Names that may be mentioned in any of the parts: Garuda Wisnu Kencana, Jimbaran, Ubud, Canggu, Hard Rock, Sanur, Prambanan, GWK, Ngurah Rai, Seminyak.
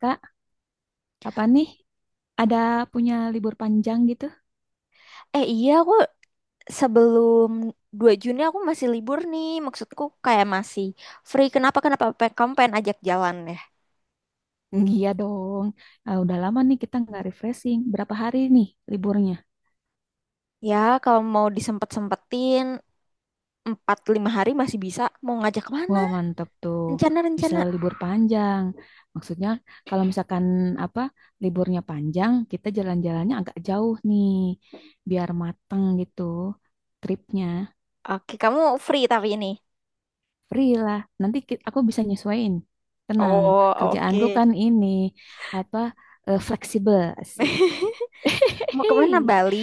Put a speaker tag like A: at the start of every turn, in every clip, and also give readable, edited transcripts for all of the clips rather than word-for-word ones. A: Kak, kapan nih ada punya libur panjang gitu?
B: Iya, aku sebelum 2 Juni aku masih libur nih. Maksudku kayak masih free. Kenapa? Kenapa kamu pengen ajak jalan ya?
A: Hmm, iya dong. Ah, udah lama nih kita nggak refreshing. Berapa hari nih liburnya?
B: Ya kalau mau disempet-sempetin 4-5 hari masih bisa. Mau ngajak mana?
A: Wah, mantap tuh. Bisa
B: Rencana-rencana.
A: libur panjang. Maksudnya kalau misalkan apa liburnya panjang, kita jalan-jalannya agak jauh nih, biar mateng gitu tripnya.
B: Oke, kamu free tapi ini.
A: Free lah. Nanti aku bisa nyesuaiin. Tenang,
B: Oh,
A: kerjaanku
B: oke.
A: kan ini apa fleksibel, asik.
B: Mau kemana? Bali?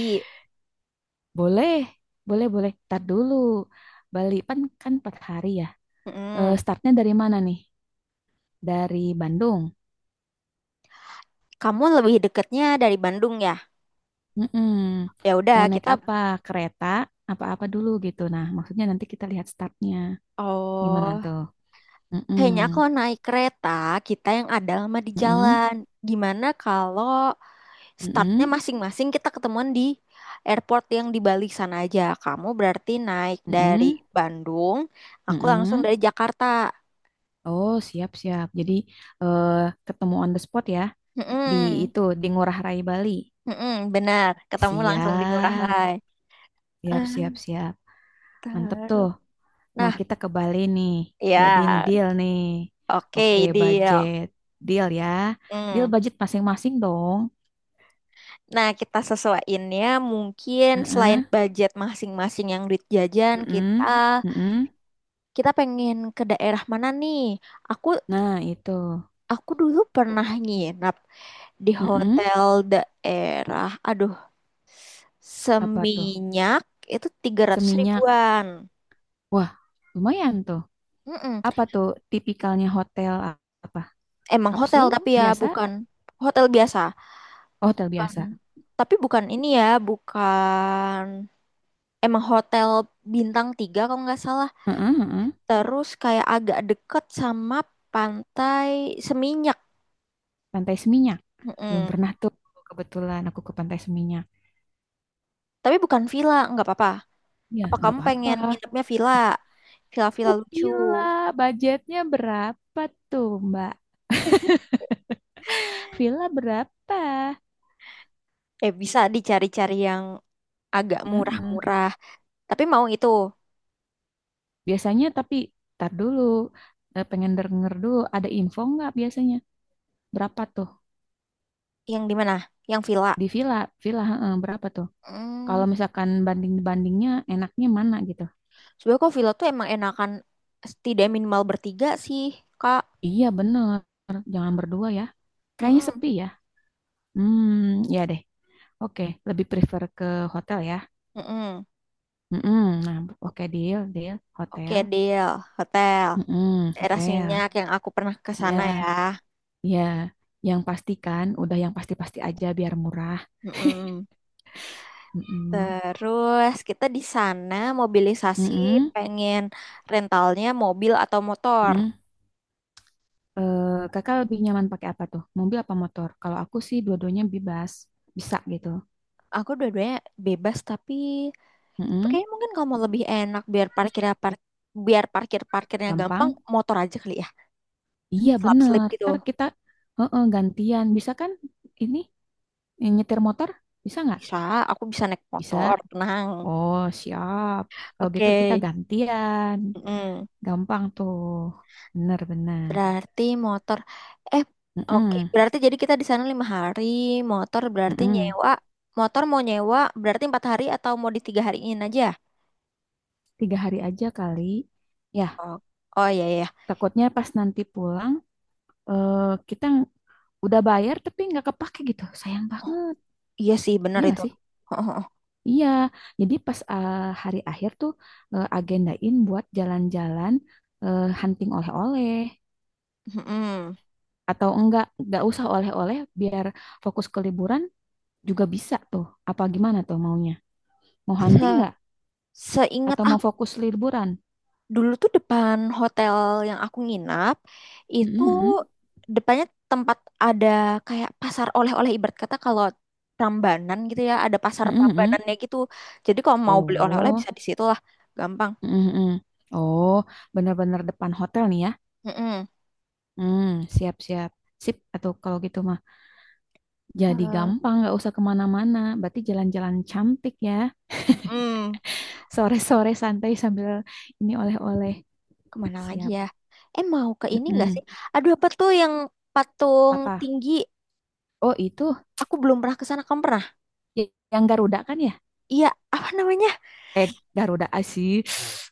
A: Boleh, boleh, boleh. Tar dulu. Bali kan kan 4 hari ya. Eh,
B: Mm.
A: startnya dari mana nih? Dari Bandung.
B: Kamu lebih deketnya dari Bandung ya?
A: Mm-mm.
B: Ya udah
A: Mau naik
B: kita.
A: apa? Kereta? Apa-apa dulu gitu. Nah, maksudnya nanti kita lihat startnya. Gimana
B: Oh.
A: tuh? Mm-mm.
B: Kayaknya kalau naik kereta, kita yang ada lama di
A: Mm-mm.
B: jalan. Gimana kalau startnya
A: Mm-mm.
B: masing-masing kita ketemuan di airport yang di Bali sana aja. Kamu berarti naik dari
A: Mm-mm.
B: Bandung, aku langsung
A: Mm-mm.
B: dari Jakarta.
A: Oh, siap-siap. Jadi eh, ketemu on the spot ya. Di
B: Mm-mm,
A: itu, di Ngurah Rai Bali.
B: mm-mm, benar, ketemu langsung di Ngurah
A: Siap.
B: Rai.
A: Siap,
B: Ah,
A: siap, siap. Mantep tuh.
B: terus.
A: Nah,
B: Nah,
A: kita ke Bali nih. Jadi ini
B: ya,
A: deal nih.
B: oke,
A: Oke,
B: deal.
A: budget. Deal ya. Deal
B: Mm.
A: budget masing-masing dong.
B: Nah, kita sesuaiinnya mungkin selain
A: Heeh,
B: budget masing-masing yang duit jajan,
A: heeh,
B: kita
A: heeh.
B: kita pengen ke daerah mana nih? Aku
A: Nah, itu.
B: aku dulu pernah nginap di
A: Heeh.
B: hotel daerah, aduh,
A: Apa tuh?
B: Seminyak, itu tiga ratus
A: Seminyak.
B: ribuan
A: Wah, lumayan tuh.
B: Mm-mm.
A: Apa tuh tipikalnya hotel apa?
B: Emang hotel,
A: Kapsul
B: tapi ya
A: biasa?
B: bukan hotel biasa,
A: Oh, hotel
B: bukan,
A: biasa.
B: tapi bukan ini ya bukan, emang hotel bintang 3 kalau nggak salah.
A: Heeh, heeh.
B: Terus kayak agak deket sama pantai Seminyak.
A: Pantai Seminyak. Belum
B: Mm-mm.
A: pernah tuh. Kebetulan aku ke Pantai Seminyak.
B: Tapi bukan villa nggak apa-apa,
A: Ya,
B: apa
A: nggak
B: kamu
A: apa-apa.
B: pengen nginepnya villa, villa-villa
A: Aku
B: lucu?
A: Pila, budgetnya berapa tuh, Mbak? Villa berapa?
B: Bisa dicari-cari yang agak
A: Heeh.
B: murah-murah. Tapi mau itu
A: Biasanya tapi tar dulu. Eh, pengen denger dulu ada info nggak biasanya berapa tuh
B: yang di mana? Yang villa.
A: di villa villa heeh, berapa tuh?
B: Hmm,
A: Kalau misalkan banding-bandingnya enaknya mana gitu?
B: sebenarnya kok villa tuh emang enakan tidak minimal bertiga sih, Kak.
A: Iya bener, jangan berdua ya. Kayaknya
B: Mm-mm.
A: sepi ya. Hmm, ya deh. Oke, lebih prefer ke hotel ya.
B: Mm-mm.
A: Mm-mm. Nah, oke deal, deal.
B: Oke,
A: Hotel.
B: deal. Hotel.
A: Mm-mm,
B: Daerah
A: hotel.
B: Seminyak yang aku pernah ke sana ya.
A: Ya, ya. Yang pastikan, udah yang pasti-pasti aja biar murah.
B: Mm-mm.
A: Mm-mm.
B: Terus kita di sana mobilisasi,
A: Mm-mm,
B: pengen rentalnya mobil atau motor.
A: mm-mm. Eh, kakak lebih nyaman pakai apa tuh? Mobil apa motor? Kalau aku sih dua-duanya bebas, bisa gitu.
B: Aku dua-duanya bebas, tapi
A: Mm-mm,
B: kayaknya mungkin kalau mau lebih enak biar parkir parkirnya gampang,
A: gampang.
B: motor aja kali ya,
A: Iya
B: slap slip
A: bener.
B: gitu,
A: Ntar kita heeh, gantian. Bisa kan ini nyetir motor? Bisa nggak?
B: bisa, aku bisa naik
A: Bisa.
B: motor, tenang,
A: Oh siap. Kalau gitu
B: oke.
A: kita gantian.
B: Mm-mm.
A: Gampang tuh. Bener-bener.
B: Berarti motor, eh oke,
A: Mm-mm,
B: berarti jadi kita di sana 5 hari, motor berarti
A: mm-mm.
B: nyewa motor, mau nyewa berarti 4 hari atau mau di 3 hariin aja.
A: Tiga hari aja kali. Ya,
B: Oh, oh, iya, iya,
A: takutnya pas nanti pulang eh, kita udah bayar tapi nggak kepake gitu sayang banget,
B: iya sih bener
A: iya nggak
B: itu.
A: sih, iya, jadi pas hari akhir tuh agendain buat jalan-jalan, hunting oleh-oleh
B: Mm-mm.
A: atau enggak nggak usah oleh-oleh biar fokus ke liburan juga bisa tuh, apa gimana tuh maunya, mau hunting
B: Se
A: nggak
B: seingat
A: atau mau fokus liburan.
B: dulu tuh, depan hotel yang aku nginap itu,
A: Mm-mm, mm-mm,
B: depannya tempat ada kayak pasar oleh-oleh, ibarat kata kalau Prambanan gitu ya, ada pasar
A: mm-mm,
B: Prambanannya gitu. Jadi kalau mau beli oleh-oleh
A: oh
B: bisa di situ lah, gampang.
A: mm mm-mm. Oh bener-bener depan hotel nih ya.
B: Mm-mm.
A: Hmm, siap-siap sip atau kalau gitu mah jadi
B: Ter-
A: gampang, nggak usah kemana-mana. Berarti jalan-jalan cantik ya.
B: mm-mm.
A: Sore-sore santai sambil ini oleh-oleh.
B: Kemana lagi
A: Siap.
B: ya? Eh, mau ke ini nggak sih?
A: Mm-mm.
B: Aduh, apa tuh yang patung
A: Apa?
B: tinggi?
A: Oh itu
B: Aku belum pernah ke sana, kamu pernah?
A: yang Garuda kan ya?
B: Iya, apa namanya?
A: Eh Garuda sih.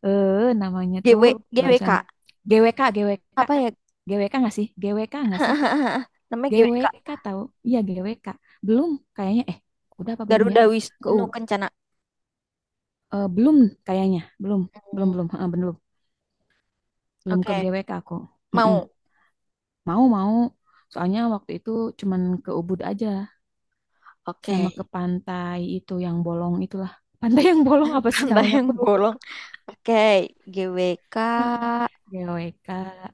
A: Eh namanya tuh
B: GW,
A: barusan
B: GWK.
A: GWK GWK,
B: Apa ya?
A: GWK nggak sih? GWK nggak sih?
B: Namanya GWK.
A: GWK tahu? Iya GWK. Belum kayaknya. Eh udah apa belum ya?
B: Garuda
A: Ke
B: Wisnu
A: U-
B: Kencana.
A: eh, belum kayaknya. Belum belum
B: Hmm,
A: belum Eh, belum belum ke
B: oke,
A: GWK aku. Mm-mm.
B: mau.
A: Mau mau. Soalnya waktu itu cuman ke Ubud aja
B: Oke.
A: sama ke pantai itu yang bolong itulah. Pantai yang bolong apa sih
B: Tanda
A: namanya aku
B: yang
A: lupa.
B: bolong. Oke, GWK.
A: Heeh. GWK.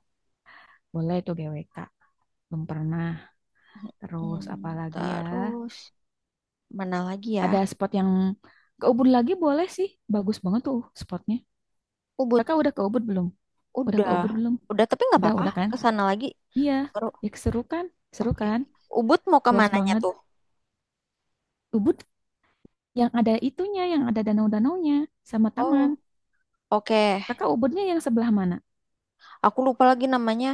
A: Boleh tuh GWK. Belum pernah. Terus apa
B: Hmm,
A: lagi ya?
B: terus mana lagi ya?
A: Ada spot yang ke Ubud lagi boleh sih. Bagus banget tuh spotnya.
B: Ubud.
A: Kakak udah ke Ubud belum? Udah ke
B: Udah.
A: Ubud belum?
B: Udah, tapi nggak apa-apa.
A: Udah kan?
B: Ke sana lagi.
A: Iya.
B: Seru.
A: Ya seru kan? Seru
B: Oke.
A: kan?
B: Ubud mau ke
A: Luas
B: mananya
A: banget.
B: tuh?
A: Ubud yang ada itunya, yang ada danau-danaunya sama taman.
B: Oh, oke.
A: Kakak Ubudnya yang sebelah mana?
B: Aku lupa lagi namanya.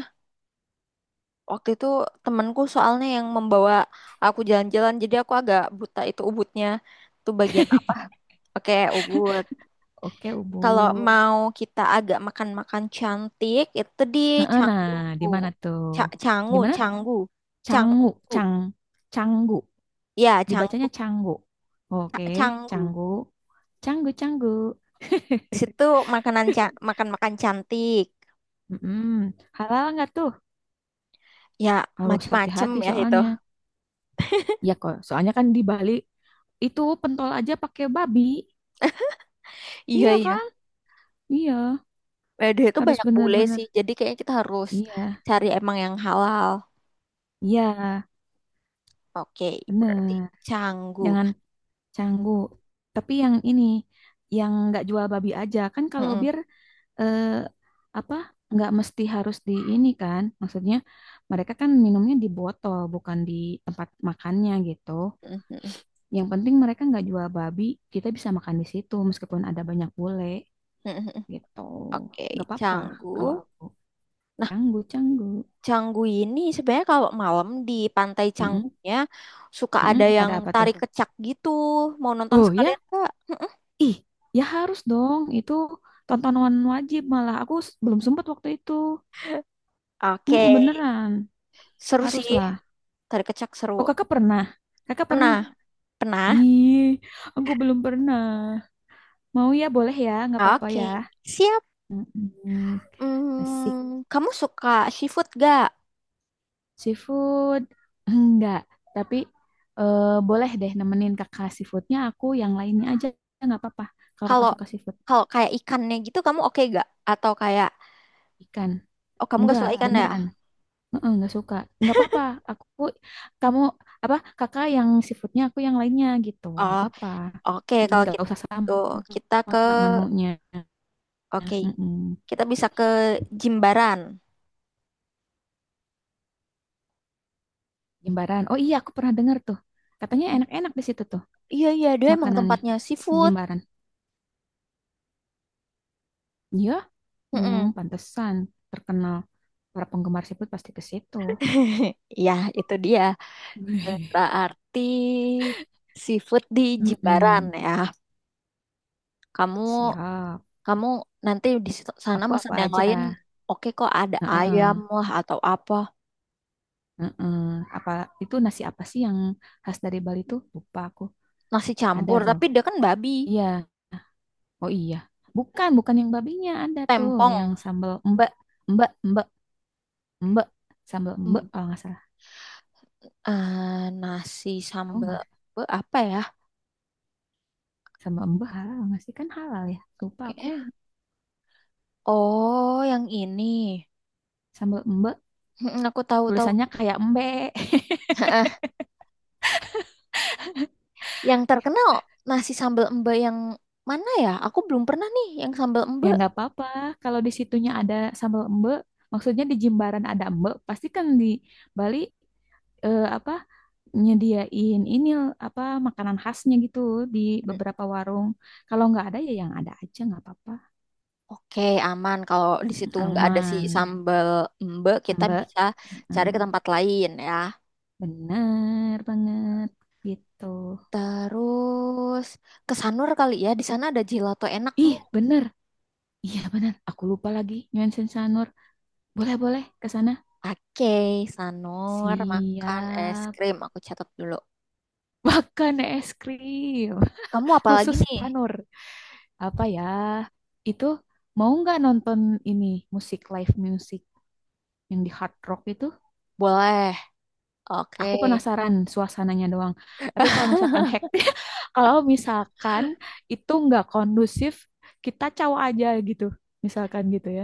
B: Waktu itu temanku soalnya yang membawa aku jalan-jalan, jadi aku agak buta itu Ubudnya. Itu bagian apa? Oke, Ubud.
A: Oke,
B: Kalau
A: Ubud.
B: mau kita agak makan-makan cantik, itu di
A: Nah, eh, nah, di
B: Canggu.
A: mana tuh?
B: Ca
A: Di
B: Canggu,
A: mana?
B: Canggu.
A: Canggu,
B: Canggu.
A: Cang, Canggu.
B: Ya,
A: Dibacanya
B: Canggu.
A: Canggu.
B: Ca
A: Oke,
B: Canggu.
A: Canggu. Canggu, Canggu.
B: Situ makanan, makan-makan cantik.
A: Mm-mm. Halal nggak tuh?
B: Ya,
A: Harus
B: macem-macem
A: hati-hati
B: ya itu.
A: soalnya. Iya kok, soalnya kan di Bali itu pentol aja pakai babi.
B: Iya,
A: Iya
B: iya.
A: kan? Iya,
B: Eh, dia itu
A: harus
B: banyak bule sih.
A: benar-benar.
B: Jadi kayaknya kita harus
A: Iya,
B: cari emang yang halal.
A: iya,
B: Oke, berarti
A: benar.
B: Canggu.
A: Jangan Canggu. Tapi yang ini, yang nggak jual babi aja kan kalau
B: Mm-mm,
A: bir eh, apa, nggak mesti harus di ini kan? Maksudnya mereka kan minumnya di botol bukan di tempat makannya gitu.
B: mm-mm,
A: Yang penting mereka nggak jual babi, kita bisa makan di situ meskipun ada banyak bule
B: mm-mm.
A: gitu.
B: Oke,
A: Nggak apa-apa kalau
B: Canggu.
A: aku canggu canggu.
B: Canggu ini sebenarnya kalau malam di Pantai
A: Mm-mm,
B: Canggunya suka
A: mm-mm.
B: ada yang
A: Ada apa tuh?
B: tarik kecak gitu. Mau nonton
A: Oh
B: sekalian
A: ya,
B: Kak? Mm-mm.
A: ih ya harus dong itu tontonan wajib malah aku belum sempat waktu itu.
B: Oke,
A: Mm, beneran,
B: seru sih.
A: haruslah.
B: Tarik kecak seru.
A: Oh, kakak pernah? Kakak pernah?
B: Pernah, pernah.
A: Ih, aku belum pernah. Mau ya, boleh ya, nggak apa-apa ya.
B: Oke, siap.
A: Mm-mm. Asik.
B: Hmm, kamu suka seafood gak?
A: Seafood? Enggak, tapi boleh deh nemenin kakak seafoodnya aku yang lainnya aja, nggak apa-apa. Kalau kakak
B: Kalau
A: suka seafood.
B: kalau kayak ikannya gitu kamu oke gak? Atau kayak,
A: Ikan?
B: oh kamu gak
A: Enggak,
B: suka ikan ya?
A: beneran. Heeh, nggak suka. Nggak apa-apa, aku, kamu, apa, kakak yang seafoodnya aku yang lainnya gitu. Nggak
B: Oh,
A: apa-apa.
B: oke kalau
A: Nggak usah sama.
B: gitu kita ke
A: Nah, menunya.
B: oke,
A: Mm-mm.
B: kita bisa ke Jimbaran.
A: Jimbaran. Oh iya, aku pernah dengar tuh. Katanya enak-enak di situ tuh
B: Iya, iya, dia emang
A: makanannya
B: tempatnya
A: di
B: seafood.
A: Jimbaran. Iya, hmm,
B: Mm-mm.
A: pantesan terkenal. Para penggemar seafood pasti ke situ.
B: Iya, itu dia. Berarti seafood di Jimbaran
A: Mm-mm.
B: ya. Kamu
A: Siap.
B: kamu nanti di sana
A: Aku apa
B: pesan yang lain,
A: aja?
B: oke kok, ada
A: Heeh,
B: ayam lah atau apa.
A: heeh. Apa itu nasi apa sih yang khas dari Bali tuh? Lupa aku.
B: Nasi
A: Ada
B: campur,
A: loh.
B: tapi dia kan babi.
A: Iya. Oh iya. Bukan, bukan yang babinya ada tuh,
B: Tempong.
A: yang sambal embek, embek, embek, embek, sambal embek
B: Hmm,
A: kalau nggak salah.
B: nasi
A: Tahu
B: sambal
A: nggak?
B: apa ya?
A: Sambal embe halal nggak sih? Kan halal ya. Lupa aku.
B: Kayaknya. Oh, yang ini.
A: Sambal embe
B: Aku tahu-tahu.
A: tulisannya kayak embe.
B: Yang terkenal nasi sambal emba yang mana ya? Aku belum pernah nih yang sambal emba.
A: Ya nggak apa-apa. Kalau di situnya ada sambal embe maksudnya di Jimbaran ada embe pasti kan di Bali apa nyediain ini apa makanan khasnya gitu di
B: Mm,
A: beberapa warung. Kalau nggak ada ya yang ada aja nggak apa-apa.
B: oke, aman. Kalau di situ nggak ada si
A: Aman.
B: sambal emba, kita
A: Mbak,
B: bisa cari ke
A: mm,
B: tempat lain ya.
A: bener banget gitu.
B: Terus ke Sanur kali ya. Di sana ada gelato enak
A: Ih,
B: nih.
A: bener. Iya bener. Aku lupa lagi. Nyuan Sensanur. Boleh, boleh ke sana.
B: Oke, Sanur makan es
A: Siap.
B: krim. Aku catat dulu.
A: Makan es krim
B: Kamu apa lagi
A: khusus
B: nih?
A: Tanur. Apa ya? Itu mau nggak nonton ini musik live music yang di Hard Rock itu?
B: Boleh. Oke.
A: Aku penasaran suasananya doang. Tapi kalau misalkan hack, kalau misalkan itu nggak kondusif, kita caw aja gitu. Misalkan gitu ya.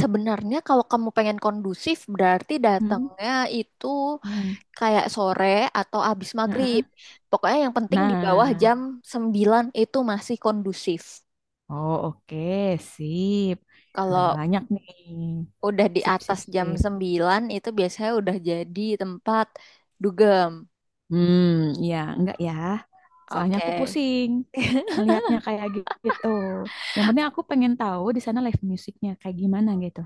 B: Sebenarnya kalau kamu pengen kondusif berarti
A: Hmm.
B: datangnya itu
A: Hmm.
B: kayak sore atau abis maghrib.
A: Heeh.
B: Pokoknya yang penting di bawah
A: Nah,
B: jam 9 itu masih kondusif.
A: oh, oke, sip. Udah
B: Kalau
A: banyak nih.
B: udah di
A: Sip,
B: atas
A: sip,
B: jam
A: sip.
B: 9 itu biasanya udah jadi tempat dugem.
A: Hmm, ya, enggak ya. Soalnya aku
B: Oke.
A: pusing ngelihatnya kayak gitu. Yang penting aku pengen tahu di sana live musiknya kayak gimana gitu.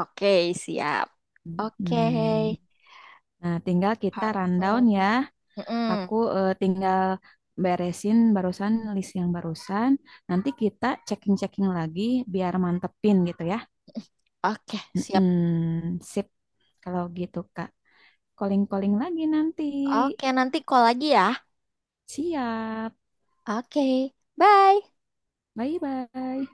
B: Oke, siap. Oke.
A: Hmm. Nah, tinggal kita
B: Harto.
A: rundown ya. Aku
B: Mm-mm.
A: tinggal beresin barusan list yang barusan. Nanti kita checking-checking lagi biar mantepin gitu ya.
B: Oke, siap.
A: Mm-mm, sip. Kalau gitu, Kak. Calling-calling lagi nanti.
B: Oke, nanti call lagi ya.
A: Siap.
B: Oke, bye.
A: Bye-bye.